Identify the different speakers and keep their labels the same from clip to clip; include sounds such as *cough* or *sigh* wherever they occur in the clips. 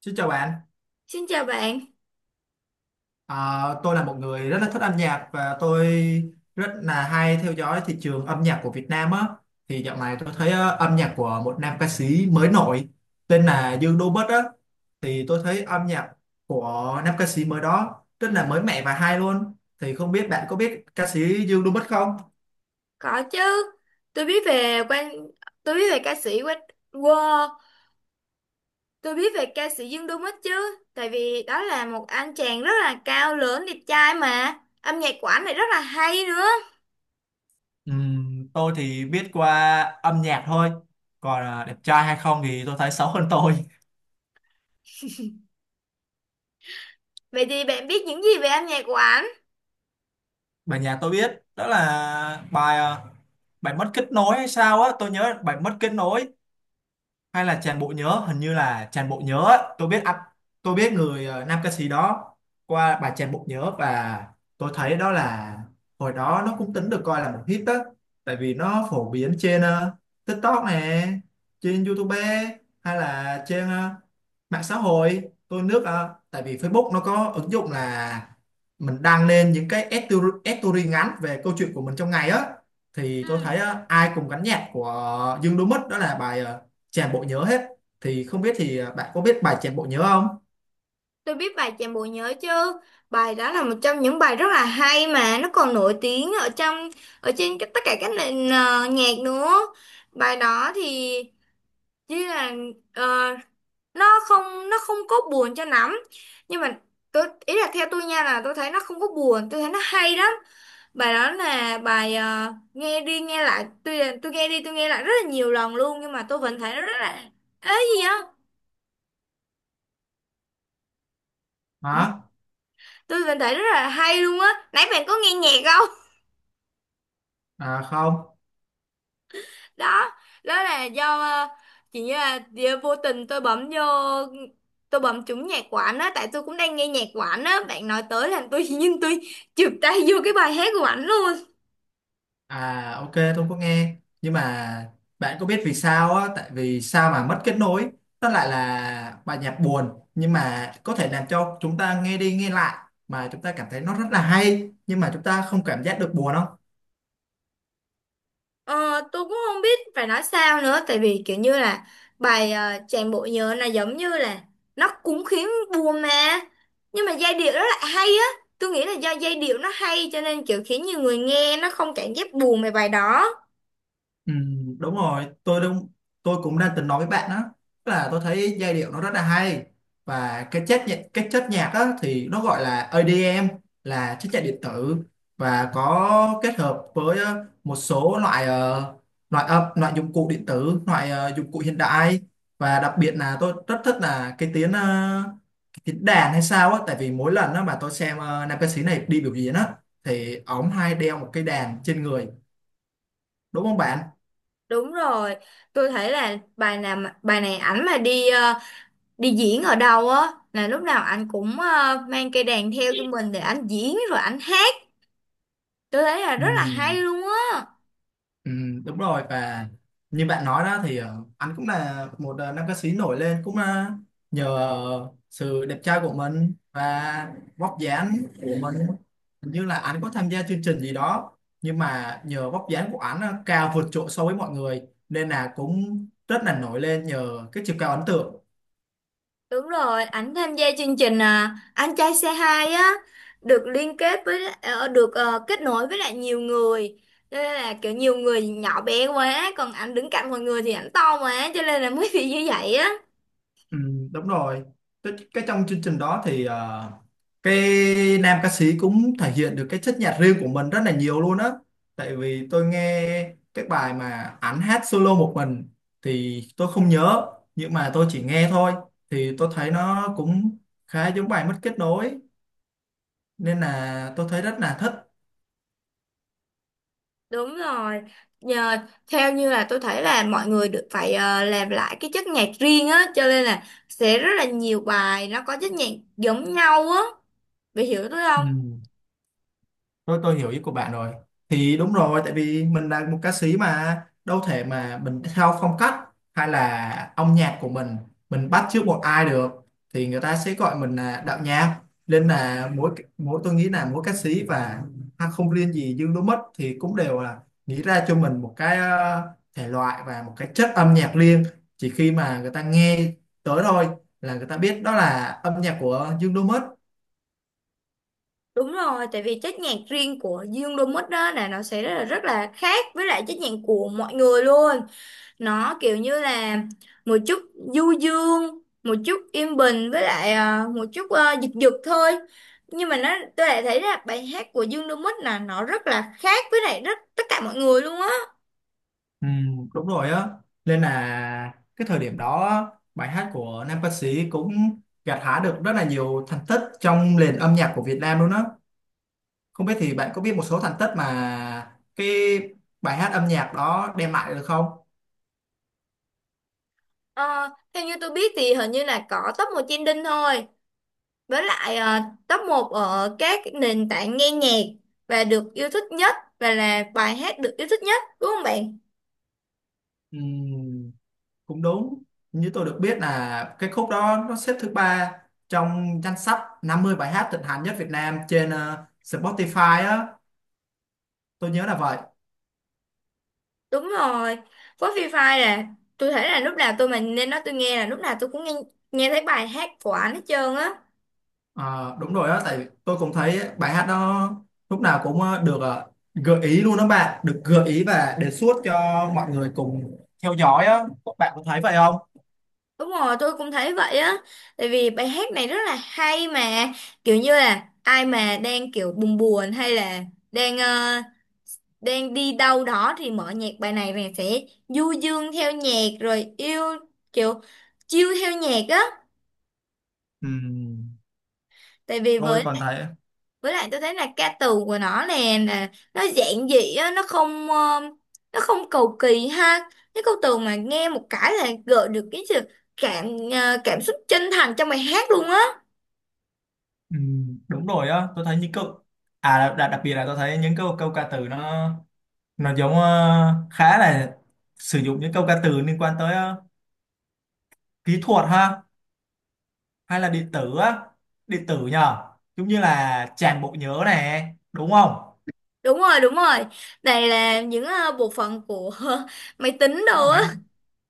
Speaker 1: Xin chào bạn.
Speaker 2: Xin chào bạn,
Speaker 1: Tôi là một người rất là thích âm nhạc và tôi rất là hay theo dõi thị trường âm nhạc của Việt Nam á. Thì dạo này tôi thấy âm nhạc của một nam ca sĩ mới nổi tên là Dương Đô Bất á. Thì tôi thấy âm nhạc của nam ca sĩ mới đó rất là mới mẻ và hay luôn. Thì không biết bạn có biết ca sĩ Dương Đô Bất không?
Speaker 2: có chứ. Tôi biết về quan, tôi biết về ca sĩ Quách Wow, tôi biết về ca sĩ Dương Đô Mít chứ. Tại vì đó là một anh chàng rất là cao lớn, đẹp trai mà. Âm nhạc của anh lại rất là hay nữa.
Speaker 1: Tôi thì biết qua âm nhạc thôi, còn đẹp trai hay không thì tôi thấy xấu hơn tôi.
Speaker 2: Vậy thì bạn biết những gì về âm nhạc của anh?
Speaker 1: Bài nhạc tôi biết đó là bài mất kết nối hay sao á, tôi nhớ bài mất kết nối hay là tràn bộ nhớ, hình như là tràn bộ nhớ á. Tôi biết ạ, tôi biết nam ca sĩ đó qua bài tràn bộ nhớ, và tôi thấy đó là hồi đó nó cũng tính được coi là một hit đó, tại vì nó phổ biến trên TikTok nè, trên YouTube, hay là trên mạng xã hội. Tôi nước tại vì Facebook nó có ứng dụng là mình đăng lên những cái story, story ngắn về câu chuyện của mình trong ngày á. Thì tôi
Speaker 2: Ừ.
Speaker 1: thấy ai cùng gắn nhạc của Dương Đỗ Mất đó là tràn bộ nhớ hết. Thì không biết thì bạn có biết bài tràn bộ nhớ không?
Speaker 2: Tôi biết bài Chàng Bộ Nhớ chứ. Bài đó là một trong những bài rất là hay mà nó còn nổi tiếng ở trong ở trên tất cả các nền nhạc nữa. Bài đó thì như là ờ, nó không có buồn cho lắm nhưng mà tôi ý là theo tôi nha là tôi thấy nó không có buồn, tôi thấy nó hay lắm. Bài đó là bài nghe đi nghe lại, tôi nghe đi tôi nghe lại rất là nhiều lần luôn nhưng mà tôi vẫn thấy nó rất là ấy gì á,
Speaker 1: Hả?
Speaker 2: tôi vẫn thấy rất là hay luôn á. Nãy bạn có nghe nhạc không?
Speaker 1: À không.
Speaker 2: *laughs* Đó, đó là do chỉ như là do vô tình tôi bấm vô, tôi bấm trúng nhạc của ảnh á, tại tôi cũng đang nghe nhạc của ảnh á, bạn nói tới làm tôi *laughs* nhưng tôi chụp tay vô cái bài hát của ảnh luôn á.
Speaker 1: À ok, tôi không có nghe, nhưng mà bạn có biết vì sao á, tại vì sao mà mất kết nối nó lại là bài nhạc buồn, nhưng mà có thể làm cho chúng ta nghe đi nghe lại mà chúng ta cảm thấy nó rất là hay, nhưng mà chúng ta không cảm giác được buồn không?
Speaker 2: Ờ, tôi cũng không biết phải nói sao nữa tại vì kiểu như là bài Chàng bộ nhớ là giống như là nó cũng khiến buồn mà, nhưng mà giai điệu rất là hay á. Tôi nghĩ là do giai điệu nó hay cho nên kiểu khiến nhiều người nghe nó không cảm giác buồn về bài đó.
Speaker 1: Ừ, đúng rồi, tôi đúng, tôi cũng đang từng nói với bạn đó. Tức là tôi thấy giai điệu nó rất là hay, và cái chất nhạc, cái chất nhạc đó thì nó gọi là EDM, là chất nhạc điện tử, và có kết hợp với một số loại âm, loại dụng cụ điện tử, dụng cụ hiện đại. Và đặc biệt là tôi rất thích là cái tiếng đàn hay sao á, tại vì mỗi lần đó mà tôi xem nam ca sĩ này đi biểu diễn á, thì ổng hay đeo một cái đàn trên người, đúng không bạn?
Speaker 2: Đúng rồi, tôi thấy là bài này ảnh mà đi đi diễn ở đâu á là lúc nào ảnh cũng mang cây đàn theo cho mình để ảnh diễn rồi ảnh hát. Tôi thấy là
Speaker 1: Ừ.
Speaker 2: rất là hay luôn á.
Speaker 1: Ừ, đúng rồi, và như bạn nói đó thì anh cũng là một nam ca sĩ nổi lên cũng nhờ sự đẹp trai của mình và vóc dáng của mình. Hình như là anh có tham gia chương trình gì đó, nhưng mà nhờ vóc dáng của anh cao vượt trội so với mọi người, nên là cũng rất là nổi lên nhờ cái chiều cao ấn tượng.
Speaker 2: Đúng rồi, ảnh tham gia chương trình à, Anh trai xe 2 á, được liên kết với kết nối với lại nhiều người, cho nên là kiểu nhiều người nhỏ bé quá còn ảnh đứng cạnh mọi người thì ảnh to quá cho nên là mới *laughs* bị như vậy á.
Speaker 1: Ừ, đúng rồi, cái trong chương trình đó thì ờ, cái nam ca sĩ cũng thể hiện được cái chất nhạc riêng của mình rất là nhiều luôn á, tại vì tôi nghe cái bài mà ảnh hát solo một mình thì tôi không nhớ, nhưng mà tôi chỉ nghe thôi, thì tôi thấy nó cũng khá giống bài mất kết nối, nên là tôi thấy rất là thích.
Speaker 2: Đúng rồi. Nhờ theo như là tôi thấy là mọi người được phải làm lại cái chất nhạc riêng á cho nên là sẽ rất là nhiều bài nó có chất nhạc giống nhau á. Bị hiểu tôi
Speaker 1: Ừ.
Speaker 2: không?
Speaker 1: Tôi hiểu ý của bạn rồi. Thì đúng rồi, tại vì mình là một ca sĩ mà đâu thể mà mình theo phong cách hay là âm nhạc của mình bắt chước một ai được, thì người ta sẽ gọi mình là đạo nhạc. Nên là mỗi mỗi tôi nghĩ là mỗi ca sĩ và ha, không riêng gì Dương Đỗ Mất thì cũng đều là nghĩ ra cho mình một cái thể loại và một cái chất âm nhạc riêng. Chỉ khi mà người ta nghe tới thôi là người ta biết đó là âm nhạc của Dương Đỗ Mất.
Speaker 2: Đúng rồi, tại vì chất nhạc riêng của Dương Domus đó là nó sẽ rất là khác với lại chất nhạc của mọi người luôn. Nó kiểu như là một chút du dương, một chút yên bình, với lại à, một chút à, giật giật thôi. Nhưng mà nó tôi lại thấy là bài hát của Dương Domus là nó rất là khác với lại rất tất cả mọi người luôn á.
Speaker 1: Ừ, đúng rồi á, nên là cái thời điểm đó bài hát của nam ca sĩ cũng gặt hái được rất là nhiều thành tích trong nền âm nhạc của Việt Nam luôn á. Không biết thì bạn có biết một số thành tích mà cái bài hát âm nhạc đó đem lại được không?
Speaker 2: Ờ, theo như tôi biết thì hình như là có top một trending thôi. Với lại ờ, top một ở các nền tảng nghe nhạc và được yêu thích nhất, và là bài hát được yêu thích nhất đúng không bạn?
Speaker 1: Ừ, cũng đúng, như tôi được biết là cái khúc đó nó xếp thứ ba trong danh sách 50 bài hát thịnh hành nhất Việt Nam trên Spotify á, tôi nhớ là vậy.
Speaker 2: Đúng rồi. Với Free Fire là tôi thấy là lúc nào tôi mà nên nói tôi nghe là lúc nào tôi cũng nghe, nghe thấy bài hát của anh hết trơn á.
Speaker 1: Ờ, đúng rồi á, tại tôi cũng thấy bài hát đó lúc nào cũng được gợi ý luôn đó bạn, được gợi ý và đề xuất cho mọi người cùng theo dõi á, các bạn có thấy vậy không?
Speaker 2: Đúng rồi, tôi cũng thấy vậy á. Tại vì bài hát này rất là hay mà, kiểu như là ai mà đang kiểu buồn buồn hay là đang đang đi đâu đó thì mở nhạc bài này này sẽ du dương theo nhạc rồi yêu kiểu chill theo nhạc á.
Speaker 1: Ừm,
Speaker 2: Tại vì
Speaker 1: tôi còn thấy
Speaker 2: với lại tôi thấy là ca từ của nó nè là nó giản dị á, nó không nó không cầu kỳ ha, cái câu từ mà nghe một cái là gợi được cái sự cảm cảm xúc chân thành trong bài hát luôn á.
Speaker 1: đúng rồi á, tôi thấy những câu à đặc biệt là tôi thấy những câu câu ca từ nó giống khá là sử dụng những câu ca từ liên quan tới kỹ thuật ha, hay là điện tử á, điện tử nhờ, giống như là tràn bộ nhớ này, đúng không?
Speaker 2: Đúng rồi, đúng rồi, này là những bộ phận của *laughs* máy tính đồ á.
Speaker 1: Đấy.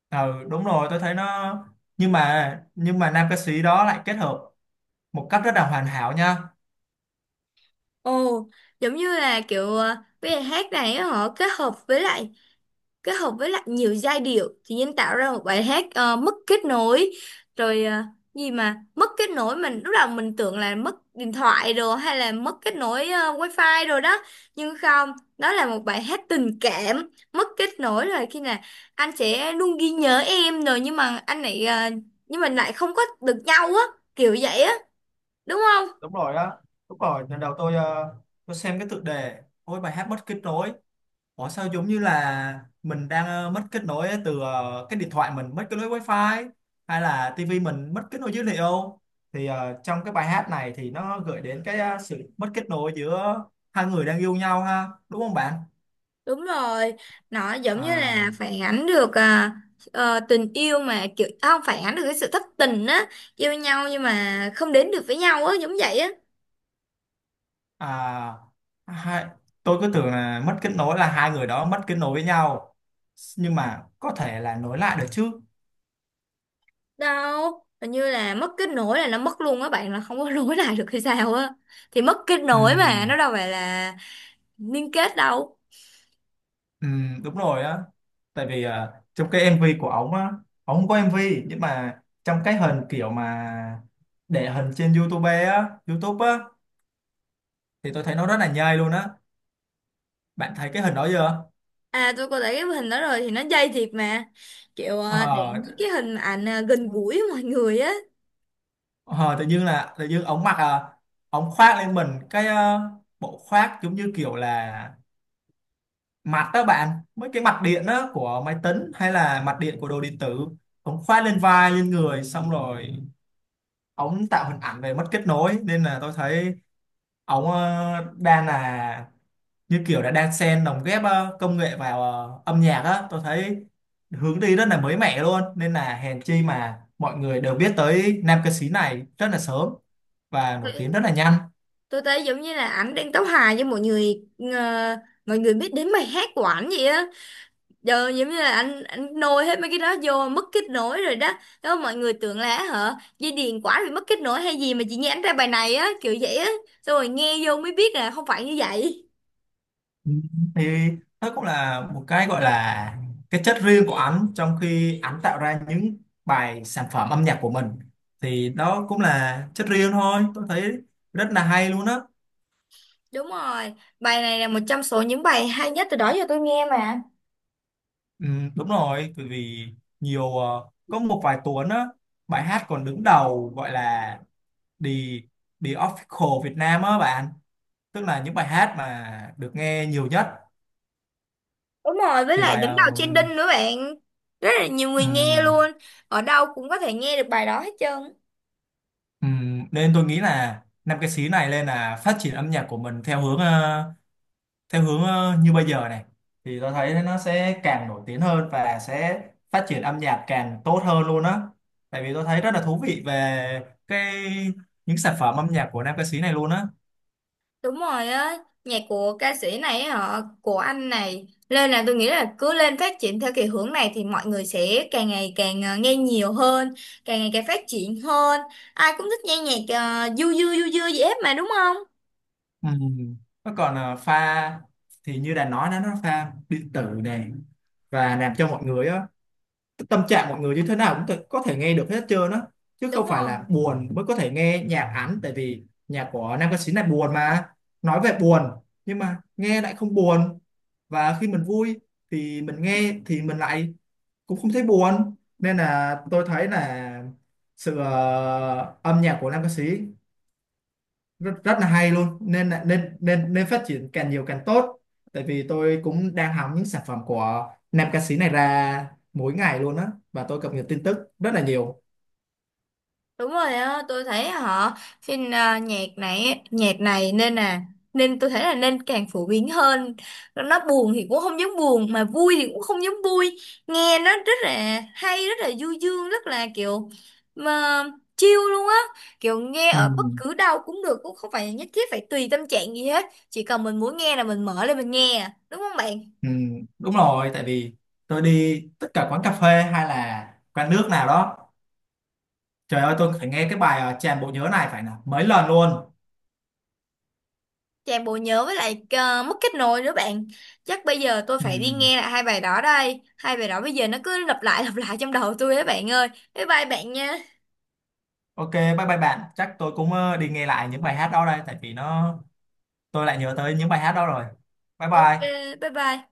Speaker 1: Ừ, đúng rồi, tôi thấy nó, nhưng mà nam ca sĩ đó lại kết hợp một cách rất là hoàn hảo nha.
Speaker 2: Ồ, giống như là kiểu bây giờ hát này á, họ kết hợp với lại kết hợp với lại nhiều giai điệu thì nhân tạo ra một bài hát mất kết nối rồi gì mà mất kết nối, mình lúc đầu mình tưởng là mất điện thoại rồi hay là mất kết nối wifi rồi đó, nhưng không, đó là một bài hát tình cảm mất kết nối rồi khi nào anh sẽ luôn ghi nhớ em rồi nhưng mà anh lại nhưng mình lại không có được nhau á, kiểu vậy á, đúng không?
Speaker 1: Đúng rồi á, đúng rồi, lần đầu tôi xem cái tựa đề, ôi bài hát mất kết nối, ủa sao giống như là mình đang mất kết nối từ cái điện thoại, mình mất kết nối wifi, hay là tivi mình mất kết nối dữ liệu. Thì trong cái bài hát này thì nó gợi đến cái sự mất kết nối giữa hai người đang yêu nhau ha, đúng không bạn?
Speaker 2: Đúng rồi, nó giống như
Speaker 1: À.
Speaker 2: là phản ánh được à, tình yêu mà kiểu à, không phản ánh được cái sự thất tình á, yêu nhau nhưng mà không đến được với nhau á, giống vậy á.
Speaker 1: À, hai, tôi cứ tưởng là mất kết nối là hai người đó mất kết nối với nhau, nhưng mà có thể là nối lại được chứ.
Speaker 2: Đâu, hình như là mất kết nối là nó mất luôn á bạn, là không có *laughs* nối lại được hay sao á. Thì mất kết nối mà nó
Speaker 1: Ừm,
Speaker 2: đâu phải là liên kết đâu.
Speaker 1: đúng rồi á, tại vì trong cái MV của ổng á, ổng không có MV, nhưng mà trong cái hình kiểu mà để hình trên YouTube á, YouTube á, thì tôi thấy nó rất là nhây luôn á, bạn thấy cái hình đó chưa?
Speaker 2: À tôi có thấy cái hình đó rồi, thì nó dây thiệt mà. Kiểu à, để
Speaker 1: ờ,
Speaker 2: những cái hình ảnh à, gần
Speaker 1: ờ,
Speaker 2: gũi với mọi người á.
Speaker 1: ờ, Tự nhiên là tự nhiên ổng ổng khoác lên mình cái bộ khoác giống như kiểu là mặt đó bạn, mấy cái mặt điện đó của máy tính hay là mặt điện của đồ điện tử. Ống khoác lên vai lên người xong rồi ống tạo hình ảnh về mất kết nối, nên là tôi thấy ống đang là như kiểu đã đang xen lồng ghép công nghệ vào âm nhạc á. Tôi thấy hướng đi rất là mới mẻ luôn, nên là hèn chi mà mọi người đều biết tới nam ca sĩ này rất là sớm và nổi tiếng rất là nhanh.
Speaker 2: Tôi thấy giống như là ảnh đang tấu hài với mọi người, ờ, mọi người biết đến bài hát của ảnh vậy á, giờ giống như là anh nôi hết mấy cái đó vô mất kết nối rồi đó. Đó mọi người tưởng là hả dây điền quả bị mất kết nối hay gì mà chị nghe ảnh ra bài này á, kiểu vậy á, xong rồi nghe vô mới biết là không phải như vậy.
Speaker 1: Ừ, thì đó cũng là một cái gọi là cái chất riêng của ảnh, trong khi ảnh tạo ra những bài sản phẩm âm nhạc của mình, thì đó cũng là chất riêng thôi, tôi thấy rất là hay luôn á.
Speaker 2: Đúng rồi, bài này là một trong số những bài hay nhất từ đó giờ tôi nghe mà.
Speaker 1: Ừ, đúng rồi, bởi vì có một vài tuần á, bài hát còn đứng đầu gọi là The The Official Việt Nam á bạn, tức là những bài hát mà được nghe nhiều nhất.
Speaker 2: Đúng rồi, với
Speaker 1: Thì
Speaker 2: lại
Speaker 1: bài
Speaker 2: đứng đầu trending nữa bạn, rất là nhiều người nghe
Speaker 1: uh,
Speaker 2: luôn, ở đâu cũng có thể nghe được bài đó hết trơn.
Speaker 1: ừm, nên tôi nghĩ là năm ca sĩ này lên là phát triển âm nhạc của mình theo hướng như bây giờ này, thì tôi thấy nó sẽ càng nổi tiếng hơn và sẽ phát triển âm nhạc càng tốt hơn luôn á, tại vì tôi thấy rất là thú vị về cái những sản phẩm âm nhạc của nam ca sĩ này luôn á.
Speaker 2: Đúng rồi á, nhạc của ca sĩ này á họ của anh này nên là tôi nghĩ là cứ lên phát triển theo cái hướng này thì mọi người sẽ càng ngày càng nghe nhiều hơn, càng ngày càng phát triển hơn. Ai cũng thích nghe nhạc du du du du gì hết mà đúng không?
Speaker 1: Ừm, nó còn pha, thì như đã nói đó nó pha điện tử này, và làm cho mọi người á, tâm trạng mọi người như thế nào có thể nghe được hết trơn á, chứ
Speaker 2: Đúng
Speaker 1: không phải
Speaker 2: rồi.
Speaker 1: là buồn mới có thể nghe nhạc hắn, tại vì nhạc của nam ca sĩ này buồn mà, nói về buồn nhưng mà nghe lại không buồn, và khi mình vui thì mình nghe thì mình lại cũng không thấy buồn. Nên là tôi thấy là âm nhạc của nam ca sĩ rất rất là hay luôn, nên nên nên phát triển càng nhiều càng tốt, tại vì tôi cũng đang hóng những sản phẩm của nam ca sĩ này ra mỗi ngày luôn á, và tôi cập nhật tin tức rất là nhiều.
Speaker 2: Đúng rồi á, tôi thấy họ phim à, nhạc này nên là nên tôi thấy là nên càng phổ biến hơn. Nó buồn thì cũng không dám buồn mà vui thì cũng không dám vui. Nghe nó rất là hay, rất là du dương, rất là kiểu mà chill luôn á. Kiểu nghe
Speaker 1: Ừ,
Speaker 2: ở bất cứ đâu cũng được, cũng không phải nhất thiết phải tùy tâm trạng gì hết. Chỉ cần mình muốn nghe là mình mở lên mình nghe, à, đúng không bạn?
Speaker 1: ừ, đúng rồi, tại vì tôi đi tất cả quán cà phê hay là quán nước nào đó, trời ơi tôi phải nghe cái bài tràn bộ nhớ này phải là mấy lần luôn.
Speaker 2: Chàng bộ nhớ với lại mất kết nối nữa bạn. Chắc bây giờ tôi
Speaker 1: Ừ.
Speaker 2: phải đi nghe lại hai bài đó đây. Hai bài đó bây giờ nó cứ lặp lại trong đầu tôi đó bạn ơi. Bye bye bạn nha.
Speaker 1: Ok, bye bye bạn, chắc tôi cũng đi nghe lại những bài hát đó đây, tại vì nó, tôi lại nhớ tới những bài hát đó rồi. Bye
Speaker 2: Ok
Speaker 1: bye.
Speaker 2: bye bye